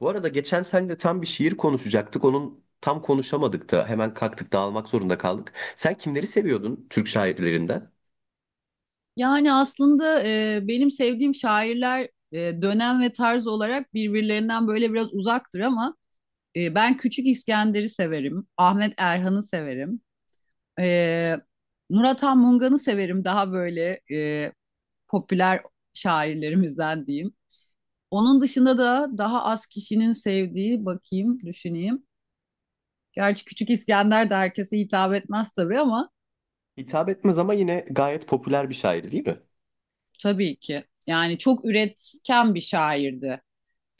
Bu arada geçen seninle tam bir şiir konuşacaktık. Onun tam konuşamadık da hemen kalktık dağılmak zorunda kaldık. Sen kimleri seviyordun Türk şairlerinden? Yani aslında benim sevdiğim şairler, e, dönem ve tarz olarak birbirlerinden böyle biraz uzaktır ama ben Küçük İskender'i severim, Ahmet Erhan'ı severim, e, Murat Han Mungan'ı severim, daha böyle popüler şairlerimizden diyeyim. Onun dışında da daha az kişinin sevdiği, bakayım, düşüneyim. Gerçi Küçük İskender de herkese hitap etmez tabii ama Hitap etmez ama yine gayet popüler bir şair değil mi? tabii ki. Yani çok üretken bir şairdi.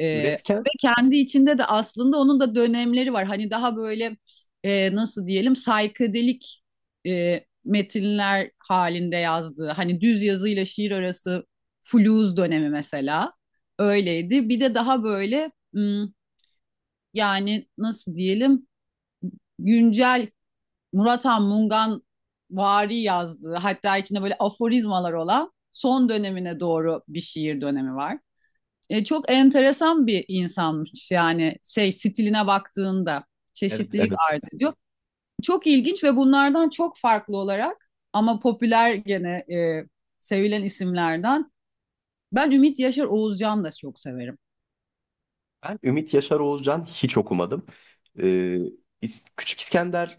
Ee, Üretken. Ve kendi içinde de aslında onun da dönemleri var. Hani daha böyle nasıl diyelim, saykadelik metinler halinde yazdığı. Hani düz yazıyla şiir arası fluz dönemi mesela öyleydi. Bir de daha böyle yani nasıl diyelim, güncel Murat Han Mungan vari yazdığı, hatta içinde böyle aforizmalar olan son dönemine doğru bir şiir dönemi var. Çok enteresan bir insanmış yani, şey stiline baktığında Evet, çeşitlilik evet. arz ediyor. Çok ilginç ve bunlardan çok farklı olarak ama popüler gene, sevilen isimlerden. Ben Ümit Yaşar Oğuzcan da çok severim. Ben Ümit Yaşar Oğuzcan hiç okumadım. Ee, Küçük İskender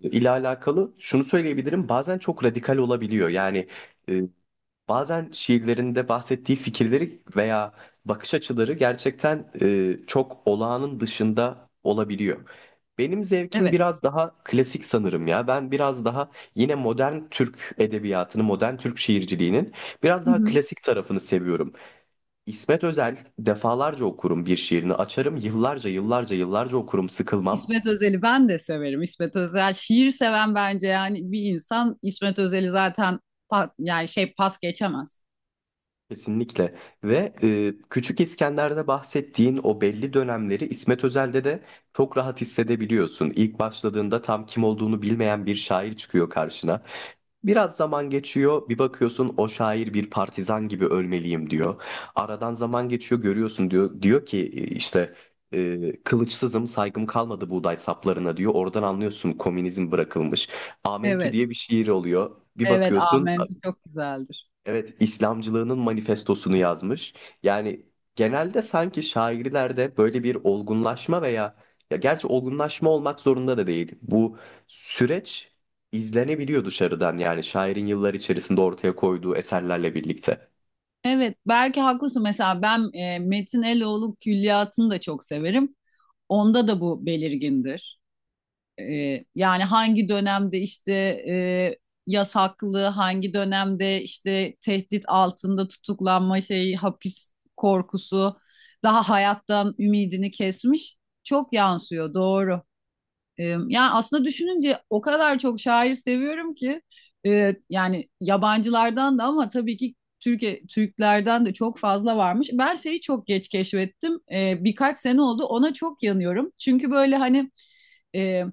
ile alakalı şunu söyleyebilirim. Bazen çok radikal olabiliyor. Yani e, bazen şiirlerinde bahsettiği fikirleri veya bakış açıları gerçekten çok olağanın dışında olabiliyor. Benim zevkim Evet. biraz daha klasik sanırım ya. Ben biraz daha yine modern Türk edebiyatını, modern Türk şiirciliğinin biraz Hı daha hı. klasik tarafını seviyorum. İsmet Özel defalarca okurum, bir şiirini açarım, yıllarca yıllarca yıllarca okurum, sıkılmam. İsmet Özel'i ben de severim. İsmet Özel şiir seven, bence yani, bir insan İsmet Özel'i zaten yani şey pas geçemez. Kesinlikle. Ve Küçük İskender'de bahsettiğin o belli dönemleri İsmet Özel'de de çok rahat hissedebiliyorsun. İlk başladığında tam kim olduğunu bilmeyen bir şair çıkıyor karşına. Biraz zaman geçiyor, bir bakıyorsun o şair bir partizan gibi ölmeliyim diyor. Aradan zaman geçiyor, görüyorsun diyor. Diyor ki işte kılıçsızım, saygım kalmadı buğday saplarına diyor. Oradan anlıyorsun komünizm bırakılmış. Amentü Evet. diye bir şiir oluyor. Bir Evet, bakıyorsun. Amen çok güzeldir. Evet, İslamcılığının manifestosunu yazmış. Yani genelde sanki şairlerde böyle bir olgunlaşma veya, ya gerçi olgunlaşma olmak zorunda da değil. Bu süreç izlenebiliyor dışarıdan, yani şairin yıllar içerisinde ortaya koyduğu eserlerle birlikte. Evet, belki haklısın. Mesela ben Metin Eloğlu külliyatını da çok severim. Onda da bu belirgindir. E, Yani hangi dönemde işte e, yasaklı, hangi dönemde işte tehdit altında tutuklanma şeyi, hapis korkusu, daha hayattan ümidini kesmiş. Çok yansıyor, doğru. Yani aslında düşününce o kadar çok şair seviyorum ki, yani yabancılardan da, ama tabii ki Türkiye Türklerden de çok fazla varmış. Ben şeyi çok geç keşfettim. E, birkaç sene oldu. Ona çok yanıyorum. Çünkü böyle hani e,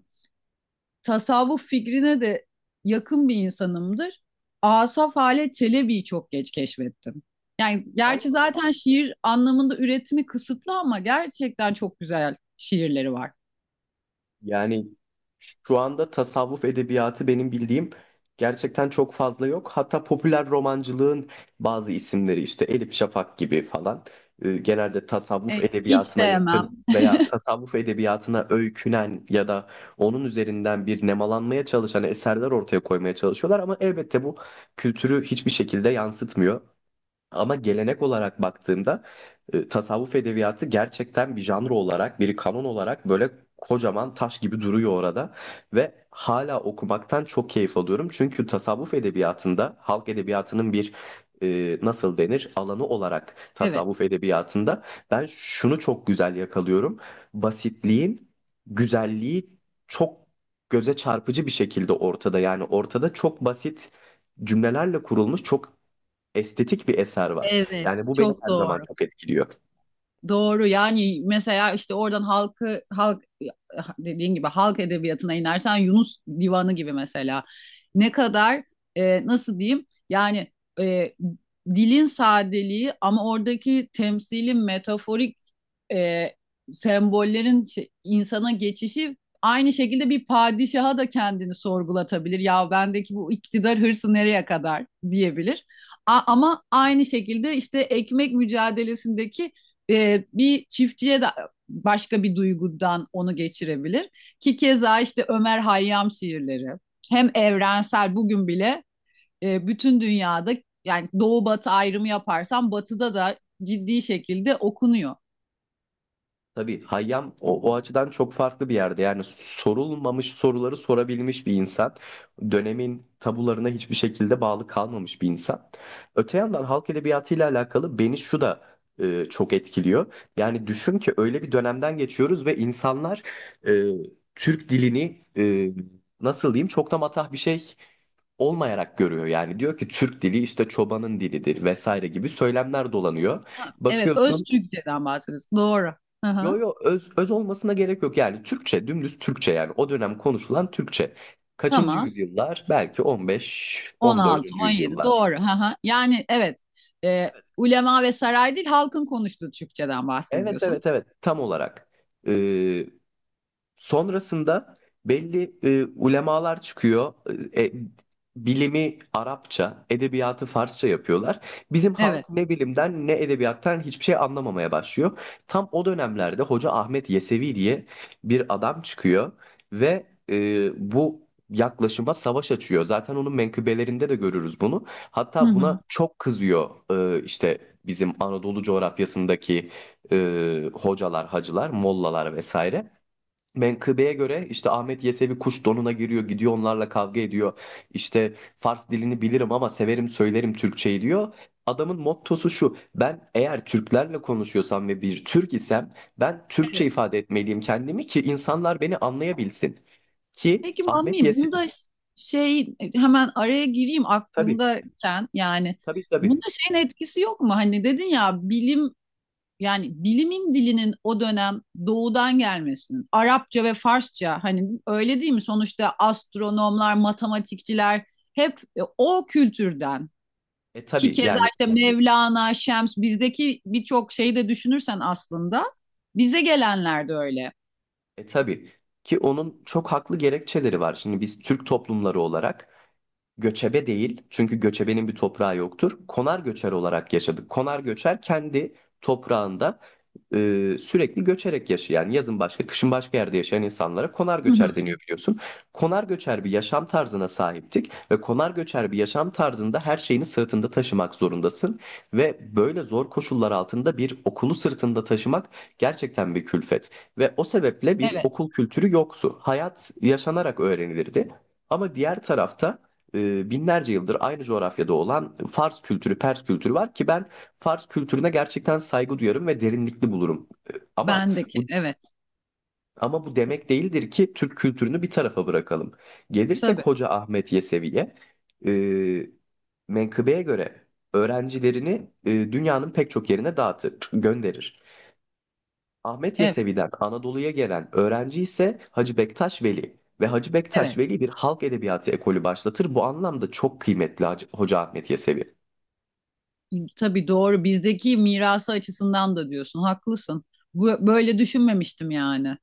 tasavvuf fikrine de yakın bir insanımdır. Asaf Halet Çelebi'yi çok geç keşfettim. Yani Allah gerçi Allah. zaten şiir anlamında üretimi kısıtlı ama gerçekten çok güzel şiirleri var. Yani şu anda tasavvuf edebiyatı benim bildiğim gerçekten çok fazla yok. Hatta popüler romancılığın bazı isimleri, işte Elif Şafak gibi falan, genelde tasavvuf E, hiç edebiyatına yakın sevmem. veya tasavvuf edebiyatına öykünen ya da onun üzerinden bir nemalanmaya çalışan eserler ortaya koymaya çalışıyorlar, ama elbette bu kültürü hiçbir şekilde yansıtmıyor. Ama gelenek olarak baktığımda tasavvuf edebiyatı gerçekten bir janr olarak, bir kanon olarak böyle kocaman taş gibi duruyor orada ve hala okumaktan çok keyif alıyorum. Çünkü tasavvuf edebiyatında, halk edebiyatının bir nasıl denir alanı olarak Evet. tasavvuf edebiyatında ben şunu çok güzel yakalıyorum. Basitliğin güzelliği çok göze çarpıcı bir şekilde ortada. Yani ortada çok basit cümlelerle kurulmuş çok estetik bir eser var. Evet, Yani bu beni çok her zaman doğru. çok etkiliyor. Doğru. Yani mesela işte oradan halkı, halk dediğin gibi halk edebiyatına inersen, Yunus Divanı gibi mesela, ne kadar nasıl diyeyim? Yani e, dilin sadeliği, ama oradaki temsili metaforik e, sembollerin insana geçişi aynı şekilde bir padişaha da kendini sorgulatabilir. Ya bendeki bu iktidar hırsı nereye kadar diyebilir. Ama aynı şekilde işte ekmek mücadelesindeki bir çiftçiye de başka bir duygudan onu geçirebilir. Ki keza işte Ömer Hayyam şiirleri hem evrensel, bugün bile bütün dünyada, yani doğu batı ayrımı yaparsan batıda da ciddi şekilde okunuyor. Tabii Hayyam, o, o açıdan çok farklı bir yerde. Yani sorulmamış soruları sorabilmiş bir insan. Dönemin tabularına hiçbir şekilde bağlı kalmamış bir insan. Öte yandan halk edebiyatıyla alakalı beni şu da çok etkiliyor. Yani düşün ki öyle bir dönemden geçiyoruz ve insanlar e, Türk dilini nasıl diyeyim, çok da matah bir şey olmayarak görüyor. Yani diyor ki Türk dili işte çobanın dilidir vesaire gibi söylemler dolanıyor. Ha, evet, öz Bakıyorsun. Türkçeden bahsediyoruz. Doğru. Hı Yo hı. yo, öz, öz olmasına gerek yok, yani Türkçe, dümdüz Türkçe, yani o dönem konuşulan Türkçe. Kaçıncı Tamam. yüzyıllar? Belki 15., on On altı, 14. 17. yüzyıllar. Doğru. Hı hı. Yani evet, e, ulema ve saray değil, halkın konuştuğu Türkçeden Evet, bahsediyorsun. evet, evet, tam olarak. Ee, Sonrasında belli ulemalar çıkıyor. E, e, Bilimi Arapça, edebiyatı Farsça yapıyorlar. Bizim Evet. halk ne bilimden ne edebiyattan hiçbir şey anlamamaya başlıyor. Tam o dönemlerde Hoca Ahmet Yesevi diye bir adam çıkıyor ve bu yaklaşıma savaş açıyor. Zaten onun menkıbelerinde de görürüz bunu. Hı Hatta hı. buna çok kızıyor işte bizim Anadolu coğrafyasındaki hocalar, hacılar, mollalar vesaire. Menkıbeye göre işte Ahmet Yesevi kuş donuna giriyor, gidiyor, onlarla kavga ediyor. İşte Fars dilini bilirim ama severim, söylerim Türkçeyi diyor. Adamın mottosu şu: Ben eğer Türklerle konuşuyorsam ve bir Türk isem, ben Türkçe ifade etmeliyim kendimi ki insanlar beni anlayabilsin. Ki Peki Ahmet Mami, Yesevi. bunda şey, hemen araya gireyim Tabii, aklımdayken, yani tabii, bunda tabii. şeyin etkisi yok mu? Hani dedin ya bilim, yani bilimin dilinin o dönem doğudan gelmesinin, Arapça ve Farsça, hani öyle değil mi? Sonuçta astronomlar, matematikçiler hep o kültürden. E Ki tabii keza yani, işte Mevlana, Şems, bizdeki birçok şeyi de düşünürsen aslında bize gelenler de öyle. Tabii ki onun çok haklı gerekçeleri var. Şimdi biz Türk toplumları olarak göçebe değil, çünkü göçebenin bir toprağı yoktur, konar göçer olarak yaşadık. Konar göçer kendi toprağında sürekli göçerek yaşayan, yazın başka, kışın başka yerde yaşayan insanlara konar Hı hı. göçer deniyor, biliyorsun. Konar göçer bir yaşam tarzına sahiptik ve konar göçer bir yaşam tarzında her şeyini sırtında taşımak zorundasın ve böyle zor koşullar altında bir okulu sırtında taşımak gerçekten bir külfet ve o sebeple bir Evet. okul kültürü yoktu. Hayat yaşanarak öğrenilirdi. Ama diğer tarafta binlerce yıldır aynı coğrafyada olan Fars kültürü, Pers kültürü var ki ben Fars kültürüne gerçekten saygı duyarım ve derinlikli bulurum. Ama Bendeki bu evet. bu demek değildir ki Türk kültürünü bir tarafa bırakalım. Gelirsek Tabii. Hoca Ahmet Yesevi'ye, e, menkıbeye göre öğrencilerini dünyanın pek çok yerine dağıtır, gönderir. Ahmet Evet, Yesevi'den Anadolu'ya gelen öğrenci ise Hacı Bektaş Veli ve Hacı Bektaş evet. Veli bir halk edebiyatı ekolü başlatır. Bu anlamda çok kıymetli Hoca Ahmet Yesevi. Tabii, doğru. Bizdeki mirası açısından da diyorsun. Haklısın. Bu, böyle düşünmemiştim yani.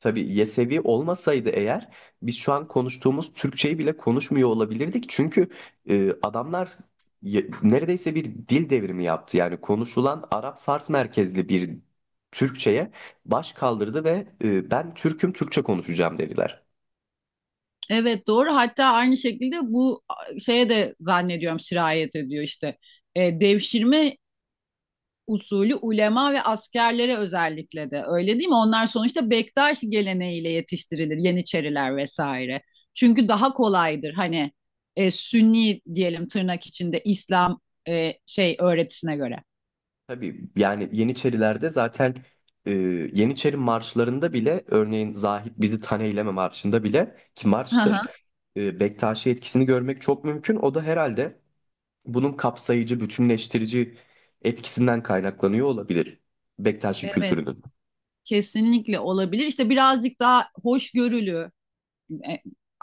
Tabii Yesevi olmasaydı eğer biz şu an konuştuğumuz Türkçeyi bile konuşmuyor olabilirdik. Çünkü adamlar neredeyse bir dil devrimi yaptı. Yani konuşulan Arap-Fars merkezli bir Türkçeye baş kaldırdı ve ben Türk'üm, Türkçe konuşacağım dediler. Evet, doğru. Hatta aynı şekilde bu şeye de zannediyorum sirayet ediyor işte. Devşirme usulü ulema ve askerlere özellikle de, öyle değil mi? Onlar sonuçta bektaşi geleneğiyle yetiştirilir. Yeniçeriler vesaire. Çünkü daha kolaydır hani Sünni diyelim, tırnak içinde İslam şey öğretisine göre. Tabii yani Yeniçerilerde zaten e, Yeniçeri marşlarında bile, örneğin Zahit Bizi Taneyleme marşında bile, ki Hı hı. marştır, Bektaşi etkisini görmek çok mümkün. O da herhalde bunun kapsayıcı, bütünleştirici etkisinden kaynaklanıyor olabilir Bektaşi Evet, kültürünün. kesinlikle olabilir. İşte birazcık daha hoşgörülü,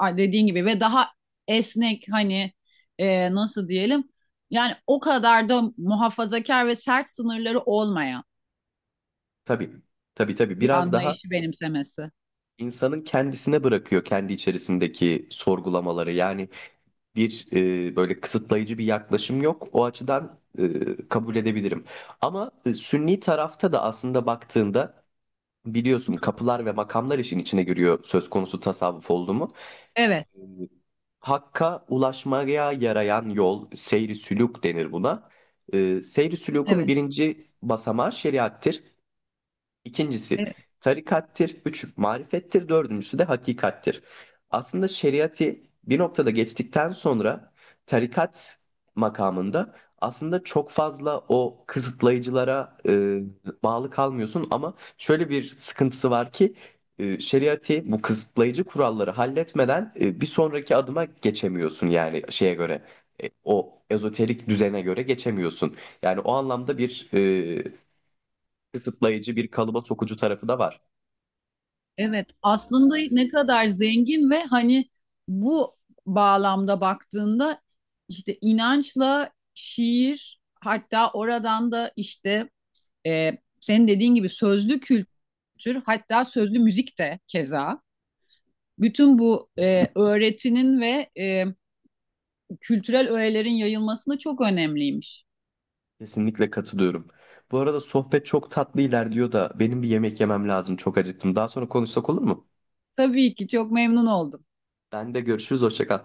dediğin gibi, ve daha esnek, hani nasıl diyelim, yani o kadar da muhafazakar ve sert sınırları olmayan Tabii, tabii, tabii, bir biraz daha anlayışı benimsemesi. insanın kendisine bırakıyor kendi içerisindeki sorgulamaları. Yani bir böyle kısıtlayıcı bir yaklaşım yok. O açıdan kabul edebilirim. Ama Sünni tarafta da aslında baktığında biliyorsun kapılar ve makamlar işin içine giriyor söz konusu tasavvuf oldu mu? Evet, Hakka ulaşmaya yarayan yol, seyri sülûk denir buna. Seyri sülûkun evet, birinci basamağı şeriattır. İkincisi evet. tarikattir, üç marifettir, dördüncüsü de hakikattir. Aslında şeriatı bir noktada geçtikten sonra tarikat makamında aslında çok fazla o kısıtlayıcılara bağlı kalmıyorsun, ama şöyle bir sıkıntısı var ki şeriatı, bu kısıtlayıcı kuralları halletmeden bir sonraki adıma geçemiyorsun, yani şeye göre, o ezoterik düzene göre geçemiyorsun. Yani o anlamda bir kısıtlayıcı, bir kalıba sokucu tarafı da var. Evet. Aslında ne kadar zengin ve hani, bu bağlamda baktığında işte inançla şiir, hatta oradan da işte e, senin dediğin gibi sözlü kültür, hatta sözlü müzik de keza, bütün bu öğretinin ve kültürel öğelerin yayılmasında çok önemliymiş. Kesinlikle katılıyorum. Bu arada sohbet çok tatlı ilerliyor da benim bir yemek yemem lazım. Çok acıktım. Daha sonra konuşsak olur mu? Tabii ki, çok memnun oldum. Ben de görüşürüz. Hoşça kal.